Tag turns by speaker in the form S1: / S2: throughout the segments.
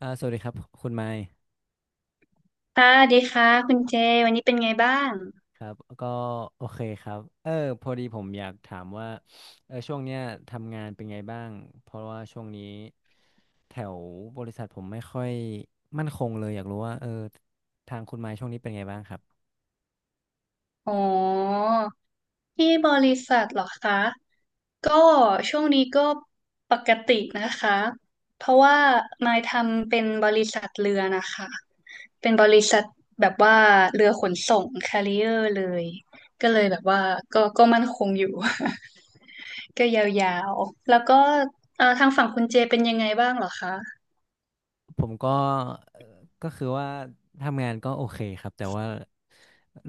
S1: สวัสดีครับคุณไมค์
S2: ค่ะสวัสดีค่ะคุณเจวันนี้เป็นไงบ้าง
S1: ครับก็โอเคครับพอดีผมอยากถามว่าช่วงเนี้ยทำงานเป็นไงบ้างเพราะว่าช่วงนี้แถวบริษัทผมไม่ค่อยมั่นคงเลยอยากรู้ว่าทางคุณไมค์ช่วงนี้เป็นไงบ้างครับ
S2: อ๋อที่บริษัทเหรอคะ ก็ช่วงนี้ก็ปกตินะคะ เพราะว่านายทำเป็นบริษัทเรือนะคะเป็นบริษัทแบบว่าเรือขนส่งแคริเออร์เลย ก็เลยแบบว่าก็มั่นคงอยู่ ก็ยาวๆแล้วก็ทางฝั่งคุณเจเป็นยังไงบ้างเหรอคะ
S1: ผมก็ก็คือว่าทำงานก็โอเคครับแต่ว่า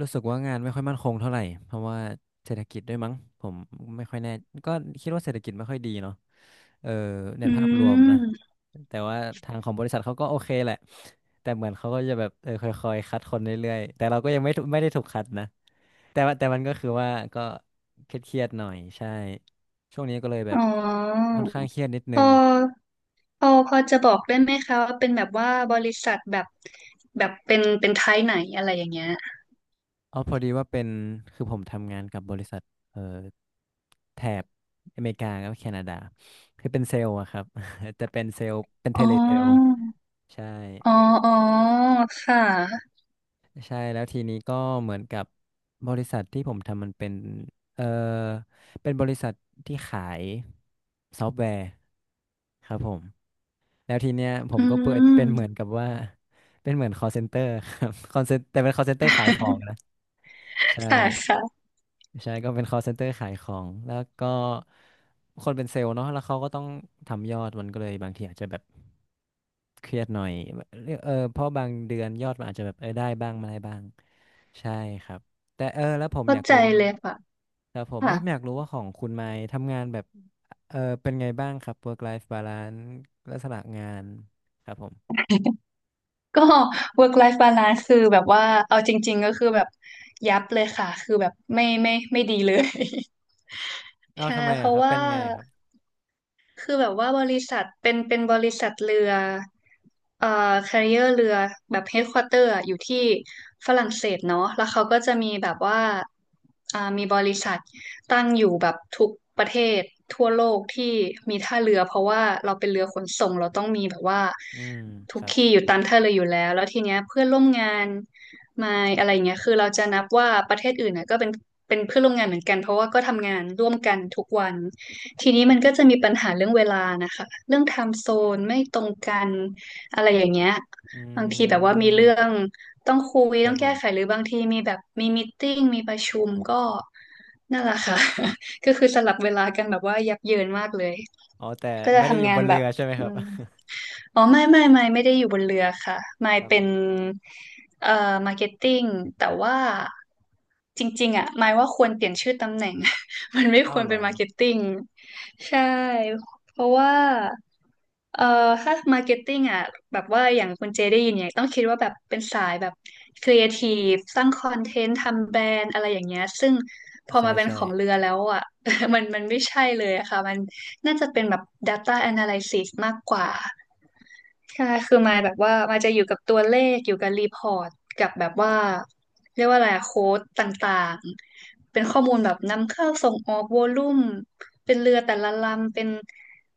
S1: รู้สึกว่างานไม่ค่อยมั่นคงเท่าไหร่เพราะว่าเศรษฐกิจด้วยมั้งผมไม่ค่อยแน่ก็คิดว่าเศรษฐกิจไม่ค่อยดีเนาะเออใน
S2: อื
S1: ภาพรวมนะ
S2: ม
S1: แต่ว่าทางของบริษัทเขาก็โอเคแหละแต่เหมือนเขาก็จะแบบค่อยๆคัดคนเรื่อยๆแต่เราก็ยังไม่ได้ถูกคัดนะแต่ว่าแต่มันก็คือว่าก็เครียดๆหน่อยใช่ช่วงนี้ก็เลยแบ
S2: อ๋
S1: บ
S2: อ
S1: ค่อนข้างเครียดนิดนึ
S2: พอ
S1: ง
S2: พอจะบอกได้ไหมคะว่าเป็นแบบว่าบริษัทแบบแบบเป็นไทยไหนอะไรอย่างเงี้ย
S1: อ๋อพอดีว่าเป็นคือผมทำงานกับบริษัทเอ่อแถบอเมริกากับแคนาดาคือเป็นเซลล์อะครับ จะเป็นเซลล์เป็นเท
S2: อ๋อ
S1: เลเซลล์ใช่
S2: อ๋ออ๋อค่ะ
S1: ใช่แล้วทีนี้ก็เหมือนกับบริษัทที่ผมทำมันเป็นเอ่อเป็นบริษัทที่ขายซอฟต์แวร์ครับผมแล้วทีเนี้ยผ
S2: อื
S1: มก็เปิด
S2: ม
S1: เป็นเหมือนกับว่าเป็นเหมือน call center ครับ call center แต่เป็น call center ขายของนะใช่
S2: ค่ะค่ะ
S1: ใช่ก็เป็น call center ขายของแล้วก็คนเป็นเซลล์เนาะแล้วเขาก็ต้องทำยอดมันก็เลยบางทีอาจจะแบบเครียดหน่อยแบบเพราะบางเดือนยอดมันอาจจะแบบได้บ้างไม่ได้บ้างใช่ครับแต่แล้วผม
S2: เข้า
S1: อยาก
S2: ใจ
S1: รู้
S2: เลยค่ะ
S1: ครับผมแล้วผมอ
S2: ค่ะ
S1: ยากรู้ว่าของคุณไมค์ทำงานแบบเป็นไงบ้างครับ work life balance ลักษณะงานครับผม
S2: ก็ work life balance คือแบบว่าเอาจริงๆก็คือแบบยับเลยค่ะคือแบบไม่ดีเลย
S1: เอ้า
S2: ใช่
S1: ทำไม
S2: เพ
S1: เหรอค
S2: ราะ
S1: รับเป็
S2: ว่า
S1: นไงครับ
S2: คือแบบว่าบริษัทเป็นบริษัทเรือcarrier เรือแบบ headquarter อะอยู่ที่ฝรั่งเศสเนาะแล้วเขาก็จะมีแบบว่ามีบริษัทตั้งอยู่แบบทุกประเทศทั่วโลกที่มีท่าเรือเพราะว่าเราเป็นเรือขนส่งเราต้องมีแบบว่า
S1: อืม
S2: ทุ
S1: ค
S2: ก
S1: รับ
S2: ที่อยู่ตามท่าเรืออยู่แล้วแล้วทีเนี้ยเพื่อนร่วมงานมาอะไรเงี้ยคือเราจะนับว่าประเทศอื่นน่ะก็เป็นเพื่อนร่วมงานเหมือนกันเพราะว่าก็ทำงานร่วมกันทุกวัน ทีนี้มันก็จะมีปัญหาเรื่องเวลานะคะเรื่องไทม์โซนไม่ตรงกันอะไรอย่างเงี้ย
S1: อื
S2: บางทีแบบว่ามี
S1: ม
S2: เรื่องต้องคุย
S1: ครั
S2: ต้อ
S1: บ
S2: ง
S1: ผ
S2: แก้ไข
S1: ม
S2: หรือบางทีมีแบบมีตติ้งมีประชุมก็นั่นแหละค่ะ ก็คือสลับเวลากันแบบว่ายับเยินมากเลย
S1: อ๋อแต่
S2: ก็จะ
S1: ไม่ได้อยู่
S2: ทำงา
S1: บ
S2: น
S1: น
S2: แบ
S1: เรื
S2: บ
S1: อใช่ไหมค
S2: อื
S1: รับ
S2: มอ๋อไม่ได้อยู่บนเรือค่ะไม่
S1: ครับ
S2: เป็
S1: ผ
S2: น
S1: ม
S2: เอ่อมาร์เก็ตติ้งแต่ว่าจริงๆอ่ะไม่ว่าควรเปลี่ยนชื่อตำแหน่ง มันไม่ค
S1: เอ้า
S2: วร
S1: เหร
S2: เป็น
S1: อ
S2: มาร์เก็ตติ้งใช่เพราะว่าเอ่อถ้ามาร์เก็ตติ้งอ่ะแบบว่าอย่างคุณเจได้ยินเนี่ยต้องคิดว่าแบบเป็นสายแบบครีเอทีฟสร้างคอนเทนต์ทำแบรนด์อะไรอย่างเงี้ยซึ่งพอ
S1: ใช่
S2: มาเป็น
S1: ใช่
S2: ของเรือแล้วอ่ะ มันไม่ใช่เลยอะค่ะมัน น่าจะเป็นแบบ Data Analysis มากกว่าใช่คือมายแบบว่ามาจะอยู่กับตัวเลข อยู่กับรีพอร์ตกับแบบว่าเรียกว่าอะไร โค้ดต่างๆ เป็นข้อมูลแบบนำเข้าส่งออกวอลลุ่มเป็นเรือแต่ละลำ เป็น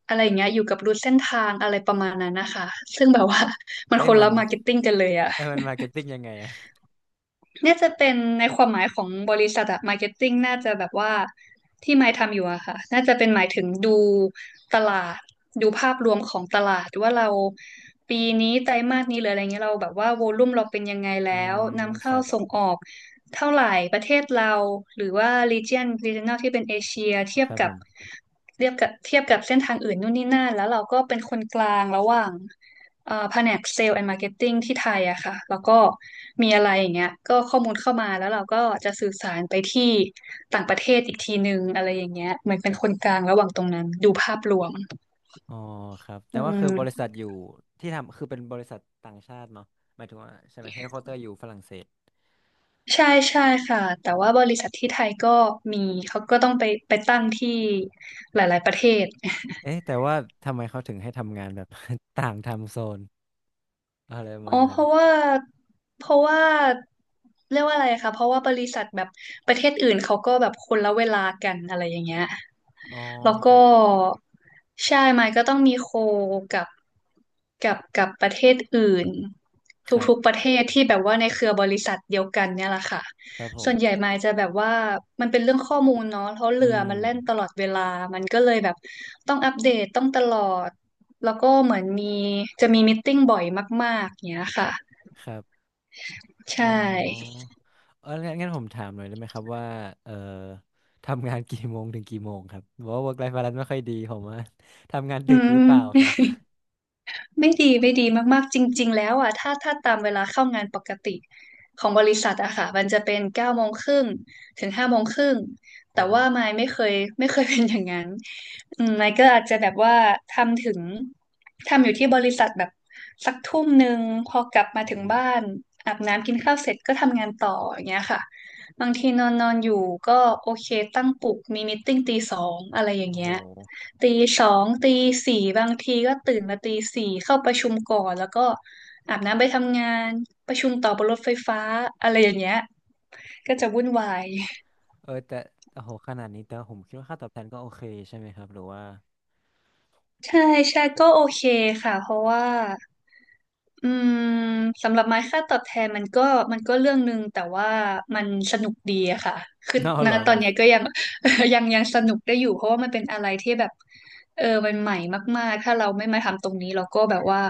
S2: อะไรอย่างเงี้ยอยู่กับรูทเส้นทางอะไรประมาณนั้นนะคะ ซึ่งแบบว่า มัน
S1: เอ๊ะ
S2: คน
S1: มั
S2: ละ
S1: น
S2: มาร์เก็ตติ้งกันเลยอะ
S1: เอ้ยมันมาร์เก็ตติ้งยังไงอะ
S2: น่าจะเป็นในความหมายของบริษัทอะมาร์เก็ตติ้งน่าจะแบบว่าที่ไมค์ทำอยู่อะค่ะน่าจะเป็นหมายถึงดูตลาดดูภาพรวมของตลาดว่าเราปีนี้ไตรมาสนี้หรืออะไรเงี้ยเราแบบว่าโวลุ่มเราเป็นยังไง
S1: อื
S2: แล้ว
S1: ม
S2: นำ
S1: ค
S2: เข้า
S1: รับ
S2: ส่งออกเท่าไหร่ประเทศเราหรือว่า region regional ที่เป็นเอเชียเทีย
S1: ค
S2: บ
S1: รับผ
S2: กับ
S1: ม
S2: เทียบกับเส้นทางอื่นนู่นนี่นั่นแล้วเราก็เป็นคนกลางระหว่าง แผนกเซลล์แอนด์มาร์เก็ตติ้งที่ไทยอะค่ะแล้วก็มีอะไรอย่างเงี้ยก็ข้อมูลเข้ามาแล้วเราก็จะสื่อสารไปที่ต่างประเทศอีกทีนึงอะไรอย่างเงี้ยเหมือนเป็นคนกลางระหว่างตรงนั้นดูภาพรวม
S1: อ๋อครับแต่
S2: อื
S1: ว่าคือบริ
S2: ม
S1: ษัทอยู่ที่ทำคือเป็นบริษัทต่างชาติเนาะหมายถึงว่าใช่ไหมเฮดค q u เตอร์อยู่ฝรั่งเศส
S2: ใช่ใช่ค่ะแต่ว่าบริษัทที่ไทยก็มีเขาก็ต้องไปไปตั้งที่หลายๆประเทศ
S1: เอ๊ะแต่ว่าทำไมเขาถึงให้ทำงานแบบ ต่างไทำโซนอะไรประมา
S2: อ๋อ
S1: ณ
S2: เพ
S1: นั้น
S2: ราะว่าเพราะว่าเรียกว่าอะไรคะเพราะว่าบริษัทแบบประเทศอื่นเขาก็แบบคนละเวลากันอะไรอย่างเงี้ย
S1: อ๋อ
S2: แล้ว
S1: ค
S2: ก็
S1: รับ
S2: ใช่ไมค์ก็ต้องมีโคกับกับประเทศอื่น
S1: ครั
S2: ทุกๆป
S1: บ
S2: ระเทศที่แบบว่าในเครือบริษัทเดียวกันเนี่ยแหละค่ะ
S1: ครับผม
S2: ส่วนใหญ่ไมค์จะแบบว่ามันเป็นเรื่องข้อมูลเนาะเพราะ
S1: อื
S2: เรือ
S1: ม
S2: มันแล่นตลอดเวลามันก็เลยแบบต้องอัปเดตต้องตลอด แล้วก็เหมือนมีจะมีมตติ팅บ่อยมากๆเนี้ยค่ะ
S1: ครับอ๋
S2: ใช่
S1: อ เอองั้นงั้นผมถามหน่อยได้ไหมครับว่าเอ่อ ทำงานกี่โมงถึงกี่โมงครับบอกว่า work life balance ไม่ค่อยดีผมว่า ทำงาน
S2: อื
S1: ดึกหรือเปล่าครับ
S2: ม ไม่ดีมากๆจริงๆแล้วอ่ะถ้าตามเวลาเข้างานปกติของบริษัทอะค่ะมันจะเป็น9:30ถึง17:30
S1: ครั
S2: แต่
S1: บผ
S2: ว่า
S1: ม
S2: มายไม่เคย เป็นอย่างนั้นอืมมายก็อาจจะแบบว่าทำถึงทำอยู่ที่บริษัทแบบสัก1 ทุ่มพอกลับมาถึง
S1: อืม
S2: บ้านอาบน้ำกินข้าวเสร็จก็ทำงานต่ออย่างเงี้ยค่ะบางทีนอนนอนอยู่ก็โอเคตั้งปลุกมีมีตติ้ง2:00อะไรอย่าง
S1: โอ้โห
S2: เงี้ย ตีสองตีสี่บางทีก็ตื่นมาตีสี่เข้าประชุมก่อนแล้วก็อาบน้ำไปทำงานประชุมต่อบนรถไฟฟ้าอะไรอย่างเงี้ยก็จะวุ่นวาย
S1: แต่โอ้โหขนาดนี้แต่ผมคิดว่าค่าตอบแทนก็โอเคใช่ไหมครับหรือว่า
S2: ใช่ใช่ก็โอเคค่ะเพราะว่าอืมสำหรับไม้ค่าตอบแทนมันก็เรื่องหนึ่งแต่ว่ามันสนุกดีอะค่ะคือ
S1: น่า
S2: ณ
S1: เหรอ
S2: ต
S1: ค
S2: อ
S1: รั
S2: นเนี้ย
S1: บ
S2: ก็ยัง ยังสนุกได้อยู่เพราะว่ามันเป็นอะไรที่แบบเออมันใหม่มากๆถ้าเราไม่มาทำตรงนี้เราก็แบบว่า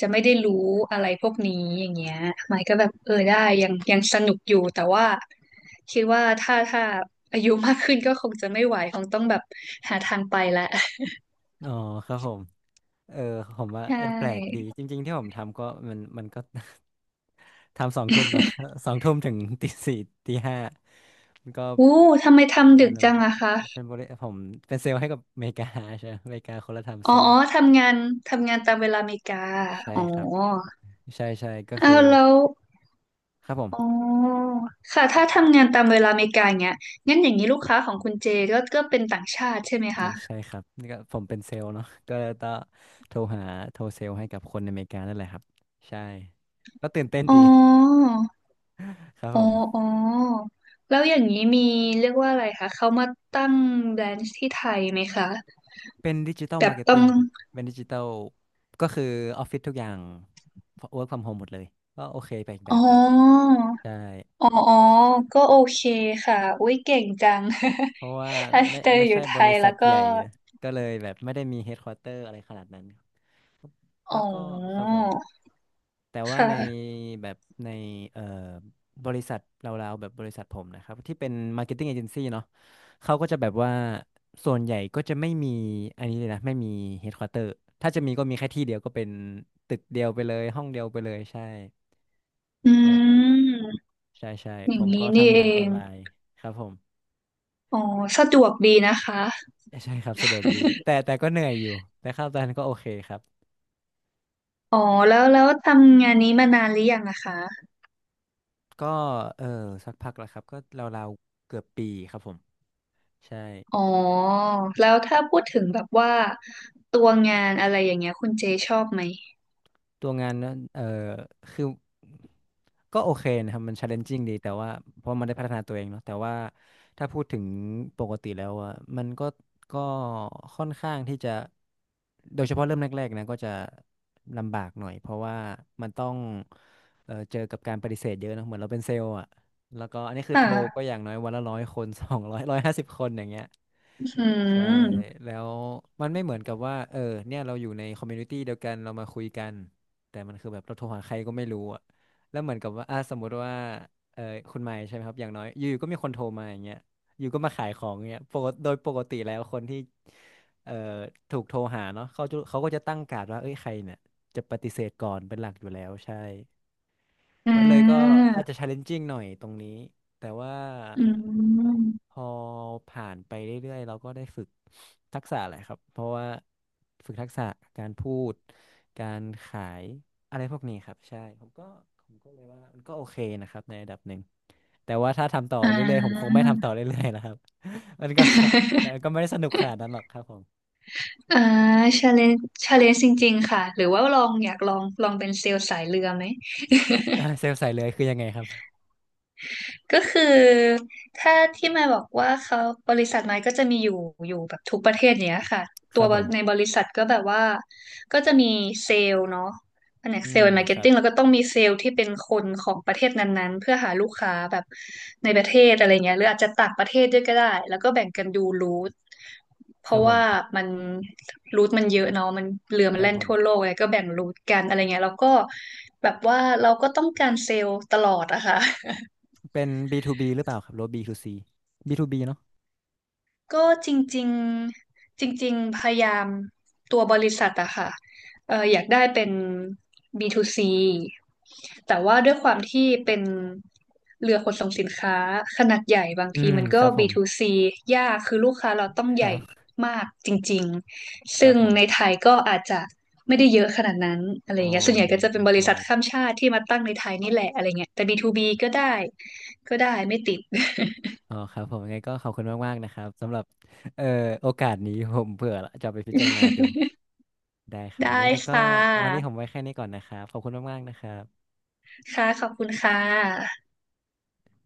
S2: จะไม่ได้รู้อะไรพวกนี้อย่างเงี้ยไม้ก็แบบเออได้ยังสนุกอยู่แต่ว่าคิดว่าถ้าอายุมากขึ้นก็คงจะไม่ไหวคงต้องแบบหาทางไปละ
S1: อ๋อครับผมเออผมว่า
S2: ใช
S1: แปลกดี
S2: ่
S1: จริงๆที่ผมทำก็มันมันก็ ทำสองทุ่มเนาะ สองทุ่มถึงตีสี่ตีห้ามันก็
S2: อู้ทำไมทำ
S1: อา
S2: ดึก
S1: รม
S2: จั
S1: ณ์
S2: งอะคะ
S1: เป็นบริผมเป็นเซลล์ให้กับอเมริกาใช่ไหมอเมริกาคนละไทำ
S2: อ๋
S1: โซ
S2: อ
S1: น
S2: อ๋อทำงานตามเวลาอเมริกา
S1: ใช่
S2: อ๋อ
S1: ครับใช่ใช่ก็คื
S2: อ้า
S1: อ
S2: วแล้ว
S1: ครับผ
S2: อ๋
S1: ม
S2: อค่ะถ้าทำงานตามเวลาอเมริกาอย่างเงี้ยงั้นอย่างนี้ลูกค้าของคุณเจก็ก็เป็นต่างชาติใช่ไหมคะ
S1: ใช่ครับนี่ก็ผมเป็นเซลล์เนาะก็ต้องโทรหาโทรเซลล์ให้กับคนในอเมริกานั่นแหละครับใช่ก็ตื่นเต้น
S2: อ๋อ
S1: ดี ครับ
S2: อ๋
S1: ผ
S2: อ
S1: ม
S2: อ๋อแล้วอย่างนี้มีเรียกว่าอะไรคะ เขามาตั้งแบรนช์ที่ไทยไหมคะ
S1: เป็นดิจิตอล
S2: แบ
S1: มา
S2: บ
S1: ร์เก็ต
S2: ต้อ
S1: ติ้
S2: ง
S1: งครับเป็นดิจิตอลก็คือออฟฟิศทุกอย่าง work from home หมดเลยก็โอเคไปอีกแบ
S2: อ๋อ
S1: บครับใช่
S2: อ๋ออ๋อก็โอเคค่ะอุ๊ยเก่งจัง
S1: เพราะว่าไม่
S2: แต่
S1: ไม่
S2: อยู่
S1: ใช่
S2: ไท
S1: บริ
S2: ย
S1: ษั
S2: แล้ว
S1: ท
S2: ก็
S1: ใหญ่นะก็เลยแบบไม่ได้มีเฮดควอเตอร์อะไรขนาดนั้นครับ
S2: อ๋
S1: แล้วก็ครับ
S2: อ
S1: ผม แต่ว่าใน
S2: ค่ะ
S1: แบบในเอ่อบริษัทเราๆแบบบริษัทผมนะครับที่เป็น Marketing Agency เนาะเขาก็จะแบบว่าส่วนใหญ่ก็จะไม่มีอันนี้เลยนะไม่มี Headquarter ถ้าจะมีก็มีแค่ที่เดียวก็เป็นตึกเดียวไปเลยห้องเดียวไปเลยใช่
S2: อื
S1: ใช่ครับ
S2: ม
S1: ใช่ใช่
S2: อ
S1: ผ
S2: ย่าง
S1: มก็
S2: นี้นี่
S1: ทำ
S2: เอ
S1: งานออน
S2: ง
S1: ไลน์ครับผม
S2: อ๋อสะดวกดีนะคะ
S1: ใช่ครับสะดวกดีแต่แต่ก็เหนื่อยอยู่แต่ค่าตอนนั้นก็โอเคครับ
S2: อ๋อแล้วแล้วทำงานนี้มานานหรือยังนะคะ
S1: ก็เออสักพักแล้วครับก็ราวๆเกือบปีครับผมใช่
S2: อ๋อแล้วถ้าพูดถึงแบบว่าตัวงานอะไรอย่างเงี้ยคุณเจชอบไหม
S1: ตัวงานนั้นคือก็โอเคนะครับมัน challenging ดีแต่ว่าเพราะมันได้พัฒนาตัวเองเนาะแต่ว่าถ้าพูดถึงปกติแล้วอ่ะมันก็ก็ค่อนข้างที่จะโดยเฉพาะเริ่มแรกๆนะก็จะลำบากหน่อยเพราะว่ามันต้องเจอกับการปฏิเสธเยอะนะเหมือนเราเป็นเซลล์อ่ะแล้วก็อันนี้คื
S2: อ
S1: อโทรก็
S2: ่า
S1: อย่างน้อยวันละร้อยคน สองร้อยร้อยห้าสิบคนอย่างเงี้ย
S2: อื
S1: ใช่
S2: ม
S1: แล้วมันไม่เหมือนกับว่าเนี่ยเราอยู่ในคอมมูนิตี้เดียวกันเรามาคุยกันแต่มันคือแบบเราโทรหาใครก็ไม่รู้อ่ะแล้วเหมือนกับว่าอ่ะสมมติว่าเออคุณไมค์ใช่ไหมครับอย่างน้อยอยู่ๆก็มีคนโทรมาอย่างเงี้ยอยู่ก็มาขายของเงี้ยปกติโดยปกติแล้วคนที่เอ่อถูกโทรหาเนาะเขาจะเขาก็จะตั้งการ์ดว่าเอ้ยใครเนี่ยจะปฏิเสธก่อนเป็นหลักอยู่แล้วใช่
S2: อ่
S1: มันเลยก็
S2: า
S1: อาจจะ challenging หน่อยตรงนี้แต่ว่า
S2: อืม
S1: พอผ่านไปเรื่อยๆเราก็ได้ฝึกทักษะแหละครับเพราะว่าฝึกทักษะการพูดการขายอะไรพวกนี้ครับใช่ผมก็ผมก็เลยว่ามันก็โอเคนะครับในระดับหนึ่งแต่ว่าถ้าทำต่อ
S2: อ่
S1: เรื่อยๆผมคง
S2: า
S1: ไม่ทำต่อเรื่อยๆแล้วครับ มันก็ใช่มันก็ ไม่ได้สนุกขนาดนั้นหรอกครับผม
S2: อ่า ชาเลนจ์ชาเลนจ์จริงๆ ค่ะ หรือว่าลองอยากลองเป็นเซลล์สายเรือไหม
S1: เซลล์ใส่เลยคือยังไงครับ
S2: ก็คือถ้าที่มายบอกว่าเขาบริษัทมายก็จะมีอยู่แบบทุกประเทศเนี้ยค่ะ
S1: ค
S2: ตั
S1: รั
S2: ว
S1: บผ
S2: ใน
S1: ม
S2: บริษัทก็แบบว่าก็จะมีเซลล์เนาะแผนก
S1: อื
S2: เซล
S1: ม
S2: ล์มาร์
S1: ค
S2: เก็ต
S1: รับ
S2: ติ้งแล้วก็ต้องมีเซลล์ที่เป็นคนของประเทศนั้นๆเพื่อหาลูกค้าแบบในประเทศอะไรเงี้ยหรืออาจจะต่างประเทศด้วยก็ได้แล้วก็แบ่งกันดูรูทเพ
S1: ครั
S2: ราะ
S1: บผ
S2: ว่า
S1: ม
S2: มันรูทมันเยอะเนาะมันเรือ
S1: ค
S2: มัน
S1: รับ
S2: แล่น
S1: ผม
S2: ทั่วโลกไงก็แบ่งรูทกันอะไรเงี้ยแล้วก็แบบว่าเราก็ต้องการเซลล์ตลอดอะค่ะ
S1: เป็น B2B หรือเปล่าครับหรือว่า B2C B2B เนาะ
S2: ก็จริงๆจริงๆพยายามตัวบริษัทอะค่ะเอออยากได้เป็น B2C แต่ว่าด้วยความที่เป็นเรือขนส่งสินค้าขนาดใหญ่บาง
S1: อื
S2: ที
S1: ม
S2: มัน
S1: ค
S2: ก็
S1: รับผ
S2: b
S1: ม
S2: to c ยากคือลูกค้าเราต้อง
S1: ค
S2: ใหญ่
S1: รับ
S2: มากจริงๆ
S1: ครั
S2: ซึ่
S1: บ
S2: ง
S1: ผม
S2: ในไทยก็อาจจะไม่ได้เยอะขนาดนั้นอะไร
S1: อ๋
S2: อ
S1: อ
S2: ย่างเงี้ยส่วนใหญ่ก็จะ
S1: โอ
S2: เป็นบ
S1: เค
S2: ริษัทข้ามชาติที่มาตั้งในไทยนี่แหละอะไรเงี้ยแต่ B2B ก็ได้ไม่ติด
S1: อ๋อครับผมยังไงก็ขอบคุณมากๆนะครับสำหรับเอ่อโอกาสนี้ผมเผื่อจะเอาไปพิจารณาดู ได้ครับ
S2: ได้
S1: ยังไงก็
S2: ค่
S1: วันนี้ผม
S2: ะ
S1: ไว้แค่นี้ก่อนนะครับขอบคุณมากๆนะครับ
S2: ค่ะขอบคุณค่ะ